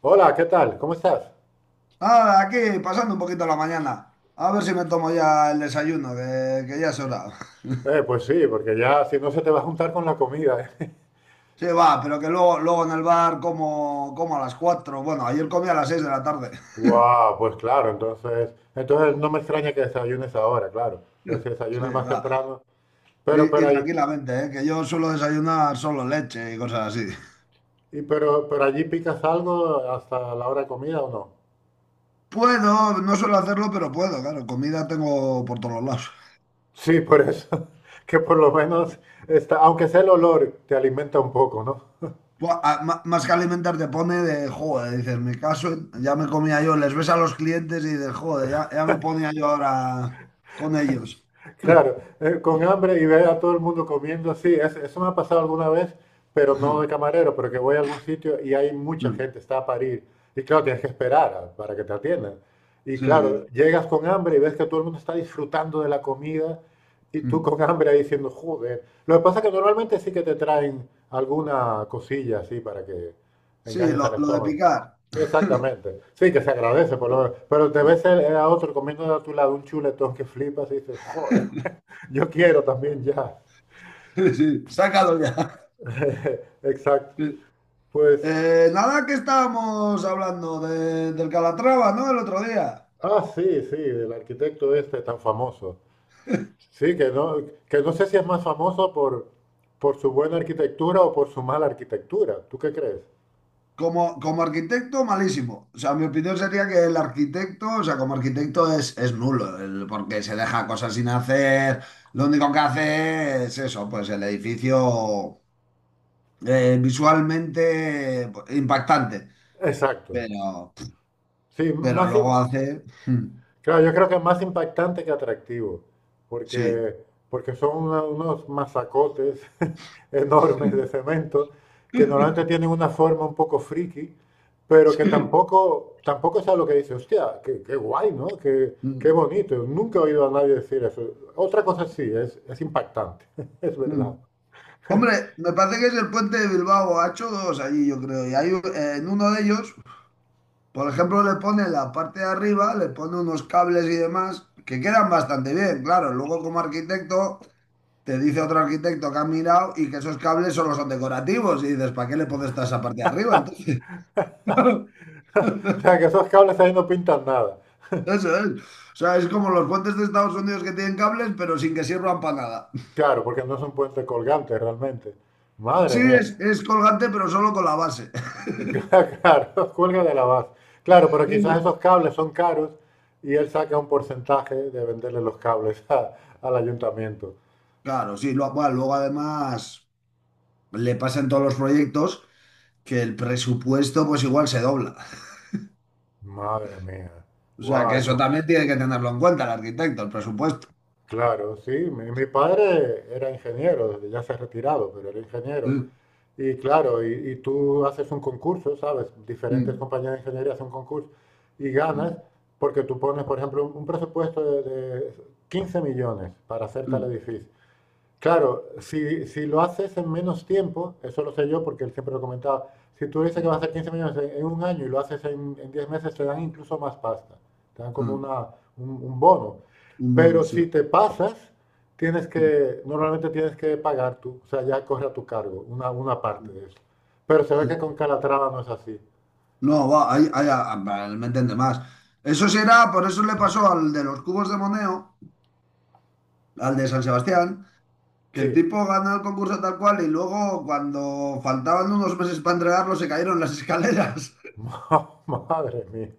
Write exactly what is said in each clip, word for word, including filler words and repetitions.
Hola, ¿qué tal? ¿Cómo estás? Ah, aquí, pasando un poquito la mañana. A ver si me tomo ya el desayuno, que, que ya es hora. Eh, pues sí, porque ya si no se te va a juntar con la comida, ¿eh? Sí, va, pero que luego, luego en el bar como, como a las cuatro. Bueno, ayer comí a las seis de la tarde. Guau, pues claro, entonces, entonces no me extraña que desayunes ahora, claro. Pues si Sí, desayunas más va. temprano. pero Y, y pero ahí- tranquilamente, ¿eh? Que yo suelo desayunar solo leche y cosas así. y pero pero allí picas algo hasta la hora de comida, ¿o no? Puedo, no suelo hacerlo, pero puedo, claro. Comida tengo por todos lados. Sí, por eso, que por lo menos está, aunque sea el olor te alimenta un poco, ¿no? Buah, a- ma- Más que alimentar te pone de, joder, dices, mi caso, ya me comía yo, les ves a los clientes y dices, joder, ya, ya me ponía yo ahora con ellos. Claro, eh, con hambre y ver a todo el mundo comiendo, sí, es- eso me ha pasado alguna vez, pero no de camarero, pero que voy a algún sitio y hay mucha Mm, gente, está a parir, y claro, tienes que esperar a- para que te atiendan. Y sí, claro, sí. llegas con hambre y ves que todo el mundo está disfrutando de la comida y tú Mm. con hambre ahí diciendo, joder. Lo que pasa es que normalmente sí que te traen alguna cosilla así para que Sí, engañes al lo, lo de estómago. picar. Exactamente, sí que se agradece, por lo menos, pero te ves el- a otro comiendo a tu lado un chuletón que flipas y dices, joder. Yo quiero también ya. Sí, sí, sácalo ya. Exacto. Sí. Pues, Eh, nada que estábamos hablando de- del Calatrava, ¿no? El otro día. ah, sí, sí, el arquitecto este tan famoso. Sí, que no, que no sé si es más famoso por, por su buena arquitectura o por su mala arquitectura. ¿Tú qué crees? Como, como arquitecto, malísimo. O sea, mi opinión sería que el arquitecto, o sea, como arquitecto es, es nulo, el- porque se deja cosas sin hacer. Lo único que hace es eso, pues el edificio eh, visualmente pues, impactante. Exacto. Pero, Sí, pero más, luego im- hace... claro, yo creo que es más impactante que atractivo, Sí. porque, porque son una- unos masacotes enormes de cemento que Mm, normalmente tienen una forma un poco friki, pero que tampoco, tampoco es algo que dice, hostia, qué, qué guay, ¿no? Qué, qué bonito. Nunca he oído a nadie decir eso. Otra cosa sí, es, es impactante, es mm. verdad. Hombre, me parece que es el puente de Bilbao. Ha hecho dos allí, yo creo. Y hay, un- eh, en uno de ellos, por ejemplo, le pone en la parte de arriba, le pone unos cables y demás que quedan bastante bien. Claro, luego como arquitecto, te dice otro arquitecto que ha mirado y que esos cables solo son decorativos. Y dices, ¿para qué le pones toda esa parte de arriba? Entonces, O sea, que esos cables ahí no pintan nada. eso es. O sea, es como los puentes de Estados Unidos que tienen cables, pero sin que sirvan para nada. Claro, porque no son puentes colgantes realmente. Madre Sí, mía. es, es colgante, pero solo con la base. Claro, cuelga de la base. Claro, pero quizás esos cables son caros y él saca un porcentaje de venderle los cables a- al ayuntamiento. Claro, sí, lo- bueno, luego además le pasan todos los proyectos que el presupuesto pues igual se dobla. Madre mía. O sea Wow, que eso eso, también tiene que tenerlo en cuenta el arquitecto, el presupuesto. claro, sí. Mi, mi padre era ingeniero, ya se ha retirado, pero era ingeniero. Mm, Y claro, y, y tú haces un concurso, ¿sabes? Diferentes mm, compañías de ingeniería hacen un concurso y ganas mm, porque tú pones, por ejemplo, un, un presupuesto de, de quince millones para hacer tal mm, edificio. Claro, si, si lo haces en menos tiempo, eso lo sé yo porque él siempre lo comentaba, si tú dices que mm, vas a hacer quince millones en, en un año y lo haces en, en diez meses, te dan incluso más pasta, te dan como mm. una, un, un bono. Un Pero bonus, sí. si te pasas, tienes Mm, que, normalmente tienes que pagar tú, o sea, ya corre a tu cargo una, una parte mm. de eso. Pero se ve que con Calatrava no es así. No, va, ahí, ahí, ah, ah, vale, me entiende más. Eso será, por eso le pasó al de los cubos de Moneo, al de San Sebastián, que Sí, el tipo ganó el concurso tal cual y luego cuando faltaban unos meses para entregarlo se cayeron las escaleras. madre mía,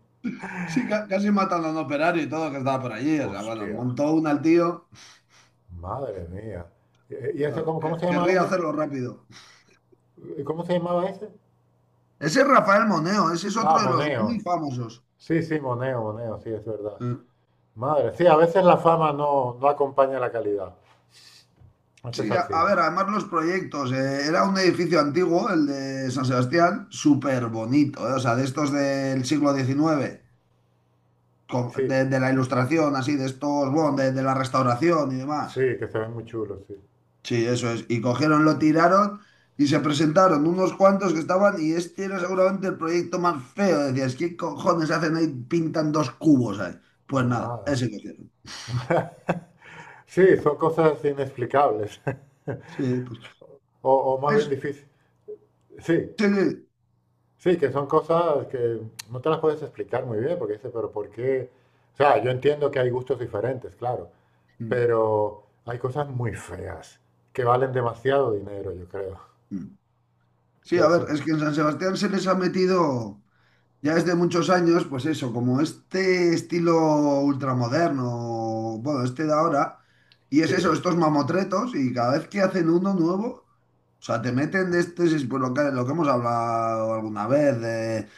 Sí, ca- casi matan a un operario y todo que estaba por allí. O sea, bueno, hostia, montó una al tío. madre mía. Y ese, Claro, cómo, cómo que- se llama querría ese? hacerlo rápido. ¿Cómo se llamaba ese? Ese es Rafael Moneo, ese es Ah, otro de los muy Moneo. famosos. Sí, sí, Moneo, Moneo, sí, es verdad. Eh, Madre, sí, a veces la fama no, no acompaña la calidad. Eso es Sí, a, a así. ver, además los proyectos. Eh, era un edificio antiguo, el de San Sebastián, súper bonito. Eh, o sea, de estos del siglo diecinueve, con- Sí, de, de la Ilustración, así, de estos, bueno, de, de la restauración y demás. sí, que se ven muy chulos, sí. Sí, eso es. Y cogieron, lo tiraron y se presentaron unos cuantos que estaban y este era seguramente el proyecto más feo. Decías, ¿qué cojones hacen ahí? Pintan dos cubos ahí. Pues nada, Madre. ese cogieron. Sí, son cosas inexplicables, Sí, pues. o, o más bien Es, difíciles. Sí, sí, sí. sí, que son cosas que no te las puedes explicar muy bien, porque dices, pero ¿por qué? O sea, yo entiendo que hay gustos diferentes, claro, Mm, pero hay cosas muy feas que valen demasiado dinero, yo creo. mm. Sí, Que a eso, ver, es que en San Sebastián se les ha metido. Ya desde muchos años, pues eso, como este estilo ultramoderno, bueno, este de ahora, y es eso, sí, estos mamotretos, y cada vez que hacen uno nuevo, o sea, te meten de este, si- pues lo que, lo que hemos hablado alguna vez, de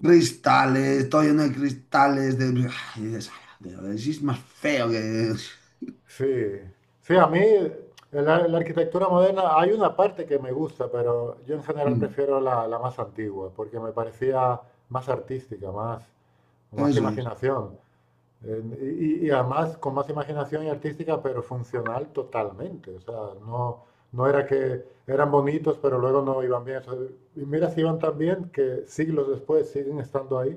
cristales, todo lleno de cristales, de... Y dices, "Ay, tío, si es más feo que... sí, sí, a mí en la, la arquitectura moderna, hay una parte que me gusta, pero yo en general prefiero la, la más antigua, porque me parecía más artística, más, más Eso es. imaginación. Eh, y, y además con más imaginación y artística, pero funcional totalmente. O sea, no, no era que eran bonitos, pero luego no iban bien. O sea, y mira si iban tan bien que siglos después siguen estando ahí.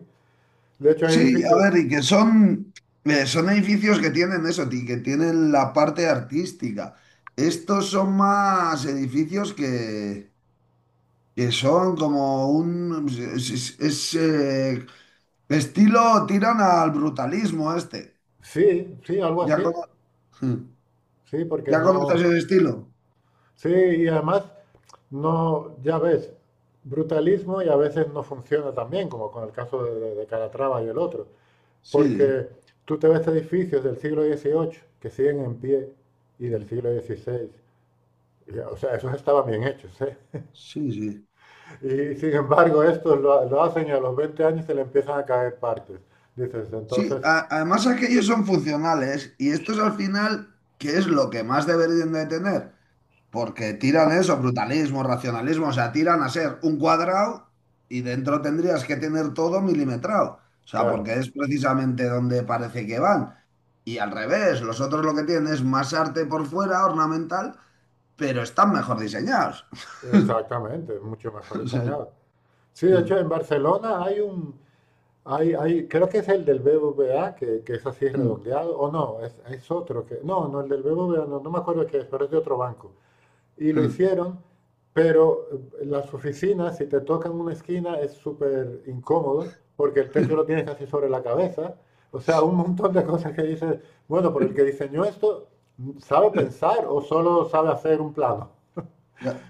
De hecho, hay Sí, a edificios, ver, y que son, eh, son edificios que tienen eso, ti- que tienen la parte artística. Estos son más edificios que, que son como un... Es, es- es, eh, estilo, tiran al brutalismo este. sí, sí, algo ¿Ya, así. cono- Sí, porque ¿Ya conoces no. el estilo? Sí, y además, no, ya ves, brutalismo y a veces no funciona tan bien, como con el caso de, de- de Calatrava y el otro, Sí, porque tú te ves edificios del siglo dieciocho que siguen en pie y del hmm, siglo dieciséis, y, o sea, esos estaban bien hechos, ¿eh? sí, sí. Y sin embargo, estos lo, ha- lo hacen y a los veinte años se le empiezan a caer partes. Dices, Sí, entonces, a- además aquellos son funcionales y estos al final, ¿qué es lo que más deberían de tener? Porque tiran eso, brutalismo, racionalismo, o sea, tiran a ser un cuadrado y dentro tendrías que tener todo milimetrado. O sea, claro, porque es precisamente donde parece que van. Y al revés, los otros lo que tienen es más arte por fuera, ornamental, pero están mejor diseñados. exactamente, mucho mejor O sea, diseñado. Sí, de hecho, en Barcelona hay un, Hay, hay, creo que es el del B B V A, que, que es así redondeado, o no, es, es otro que, no, no, el del B B V A, no, no me acuerdo qué es, pero es de otro banco. Y lo hicieron, pero eh, las oficinas, si te tocan una esquina, es súper incómodo, porque el techo lo tienes casi sobre la cabeza. O sea, un montón de cosas que dices, bueno, pero el que diseñó esto, ¿sabe pensar o solo sabe hacer un plano? ya,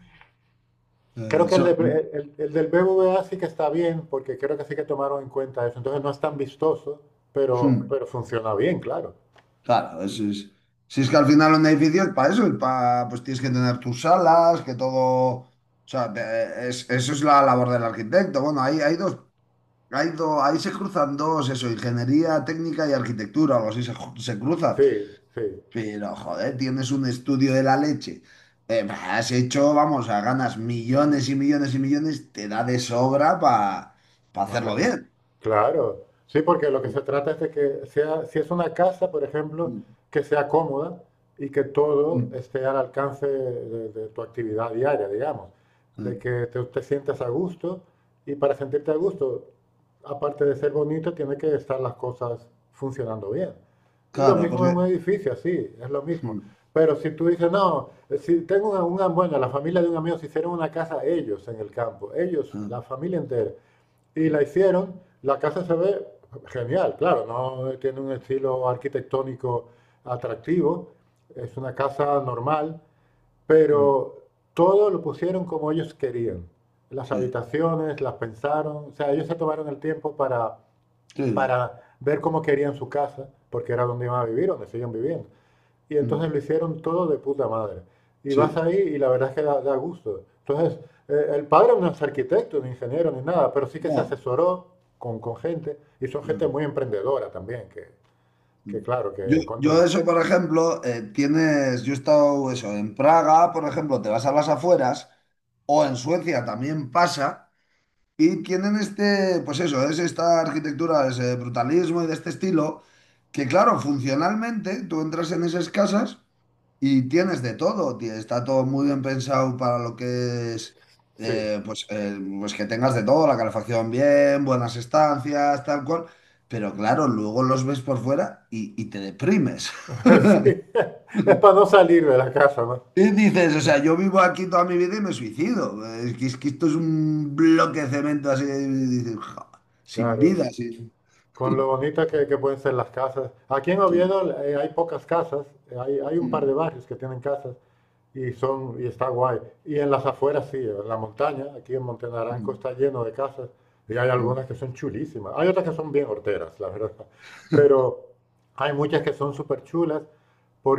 eh, Creo que el, eso. Mm, de- el- el del B B V A sí que está bien, porque creo que sí que tomaron en cuenta eso. Entonces no es tan vistoso, pero, mm. pero funciona bien, claro. Claro, es- es- si es que al final un edificio es para eso, es para, pues tienes que tener tus salas, que todo, o sea, te- es- eso es la labor del arquitecto. Bueno, hay, hay dos, hay dos, ahí se cruzan dos, eso, ingeniería técnica y arquitectura, algo así se, ju- se cruzan. Sí, sí. Pero, joder, tienes un estudio de la leche. Eh, bah, has hecho, vamos, a ganas millones y millones y millones, te da de sobra para hacerlo Madre. bien. Claro. Sí, porque lo que Mm, se trata es de que sea, si es una casa, por ejemplo, mm, que sea cómoda y que todo mm, esté al alcance de, de tu actividad diaria, digamos. De mm. que te, te sientas a gusto y para sentirte a gusto, aparte de ser bonito, tiene que estar las cosas funcionando bien. Y lo Claro, mismo porque... en un edificio, así, es lo mismo. Mm, Pero si tú dices, no, si tengo una, una- bueno, la familia de un amigo se hicieron una casa ellos en el campo, ellos, mm, la familia entera, y la mm, hicieron, la casa se ve genial, claro, no tiene un estilo arquitectónico atractivo, es una casa normal, mm, pero todo lo pusieron como ellos querían. Las sí. habitaciones, las pensaron, o sea, ellos se tomaron el tiempo para, Sí, para ver cómo querían su casa, porque era donde iban a vivir, donde siguen viviendo. Y entonces mm, lo hicieron todo de puta madre. Y vas sí, ahí y la verdad es que da, da gusto. Entonces, eh, el padre no es arquitecto, ni ingeniero, ni nada, pero sí que se no. asesoró con, con gente y son gente Mm, muy emprendedora también, que, que mm. claro, Yo, que cuando... yo eso, por ejemplo, eh, tienes, yo he estado eso, en Praga, por ejemplo, te vas a las afueras, o en Suecia también pasa, y tienen este, pues eso, es esta arquitectura, ese brutalismo y de este estilo, que claro, funcionalmente tú entras en esas casas. Y tienes de todo, tie- está todo muy bien pensado para lo que es, Sí, eh, pues, eh, pues que tengas de todo, la calefacción bien, buenas estancias, tal cual, pero claro, luego los ves por fuera y, y te deprimes. sí, es para no salir de la casa, ¿no? Y dices, o sea, yo vivo aquí toda mi vida y me suicido. Es que, es que esto es un bloque de cemento así, y dices, "Ja, sin Claro, vida, sin... con lo bonitas que, que pueden ser las casas. Aquí en Sí. Oviedo eh, hay pocas casas, eh, hay, hay un par de Mm, barrios que tienen casas, y, son, y está guay. Y en las afueras sí, en la montaña, aquí en Montenaranco mm, está lleno de casas y hay mm". algunas que son chulísimas. Hay otras que son bien horteras, la verdad. Pero hay muchas que son súper chulas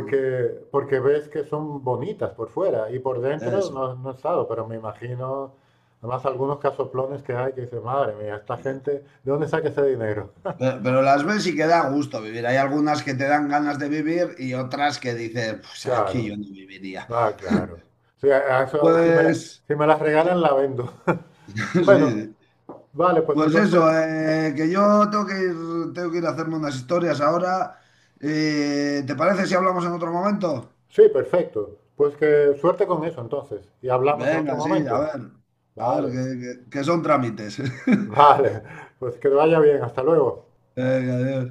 porque ves que son bonitas por fuera y por dentro Eso. no, no he estado, pero me imagino, además algunos casoplones que hay que dices, madre mía, esta Sí. gente, ¿de dónde saca ese dinero? Pero, pero las ves y que da gusto vivir. Hay algunas que te dan ganas de vivir y otras que dices, pues aquí Claro, yo no viviría. ah, claro. Sí, a- a eso, si me la- Pues, si me las regalan, la vendo. sí, Bueno, sí. vale, pues Pues entonces, eso, eh, que yo tengo que ir, tengo que ir a hacerme unas historias ahora. Eh, ¿te parece si hablamos en otro momento? sí, perfecto. Pues que suerte con eso entonces. Y hablamos en otro Venga, sí, a momento. ver, a ver, Vale, que, que que son trámites. vale. Pues que te vaya bien. Hasta luego. Venga, adiós.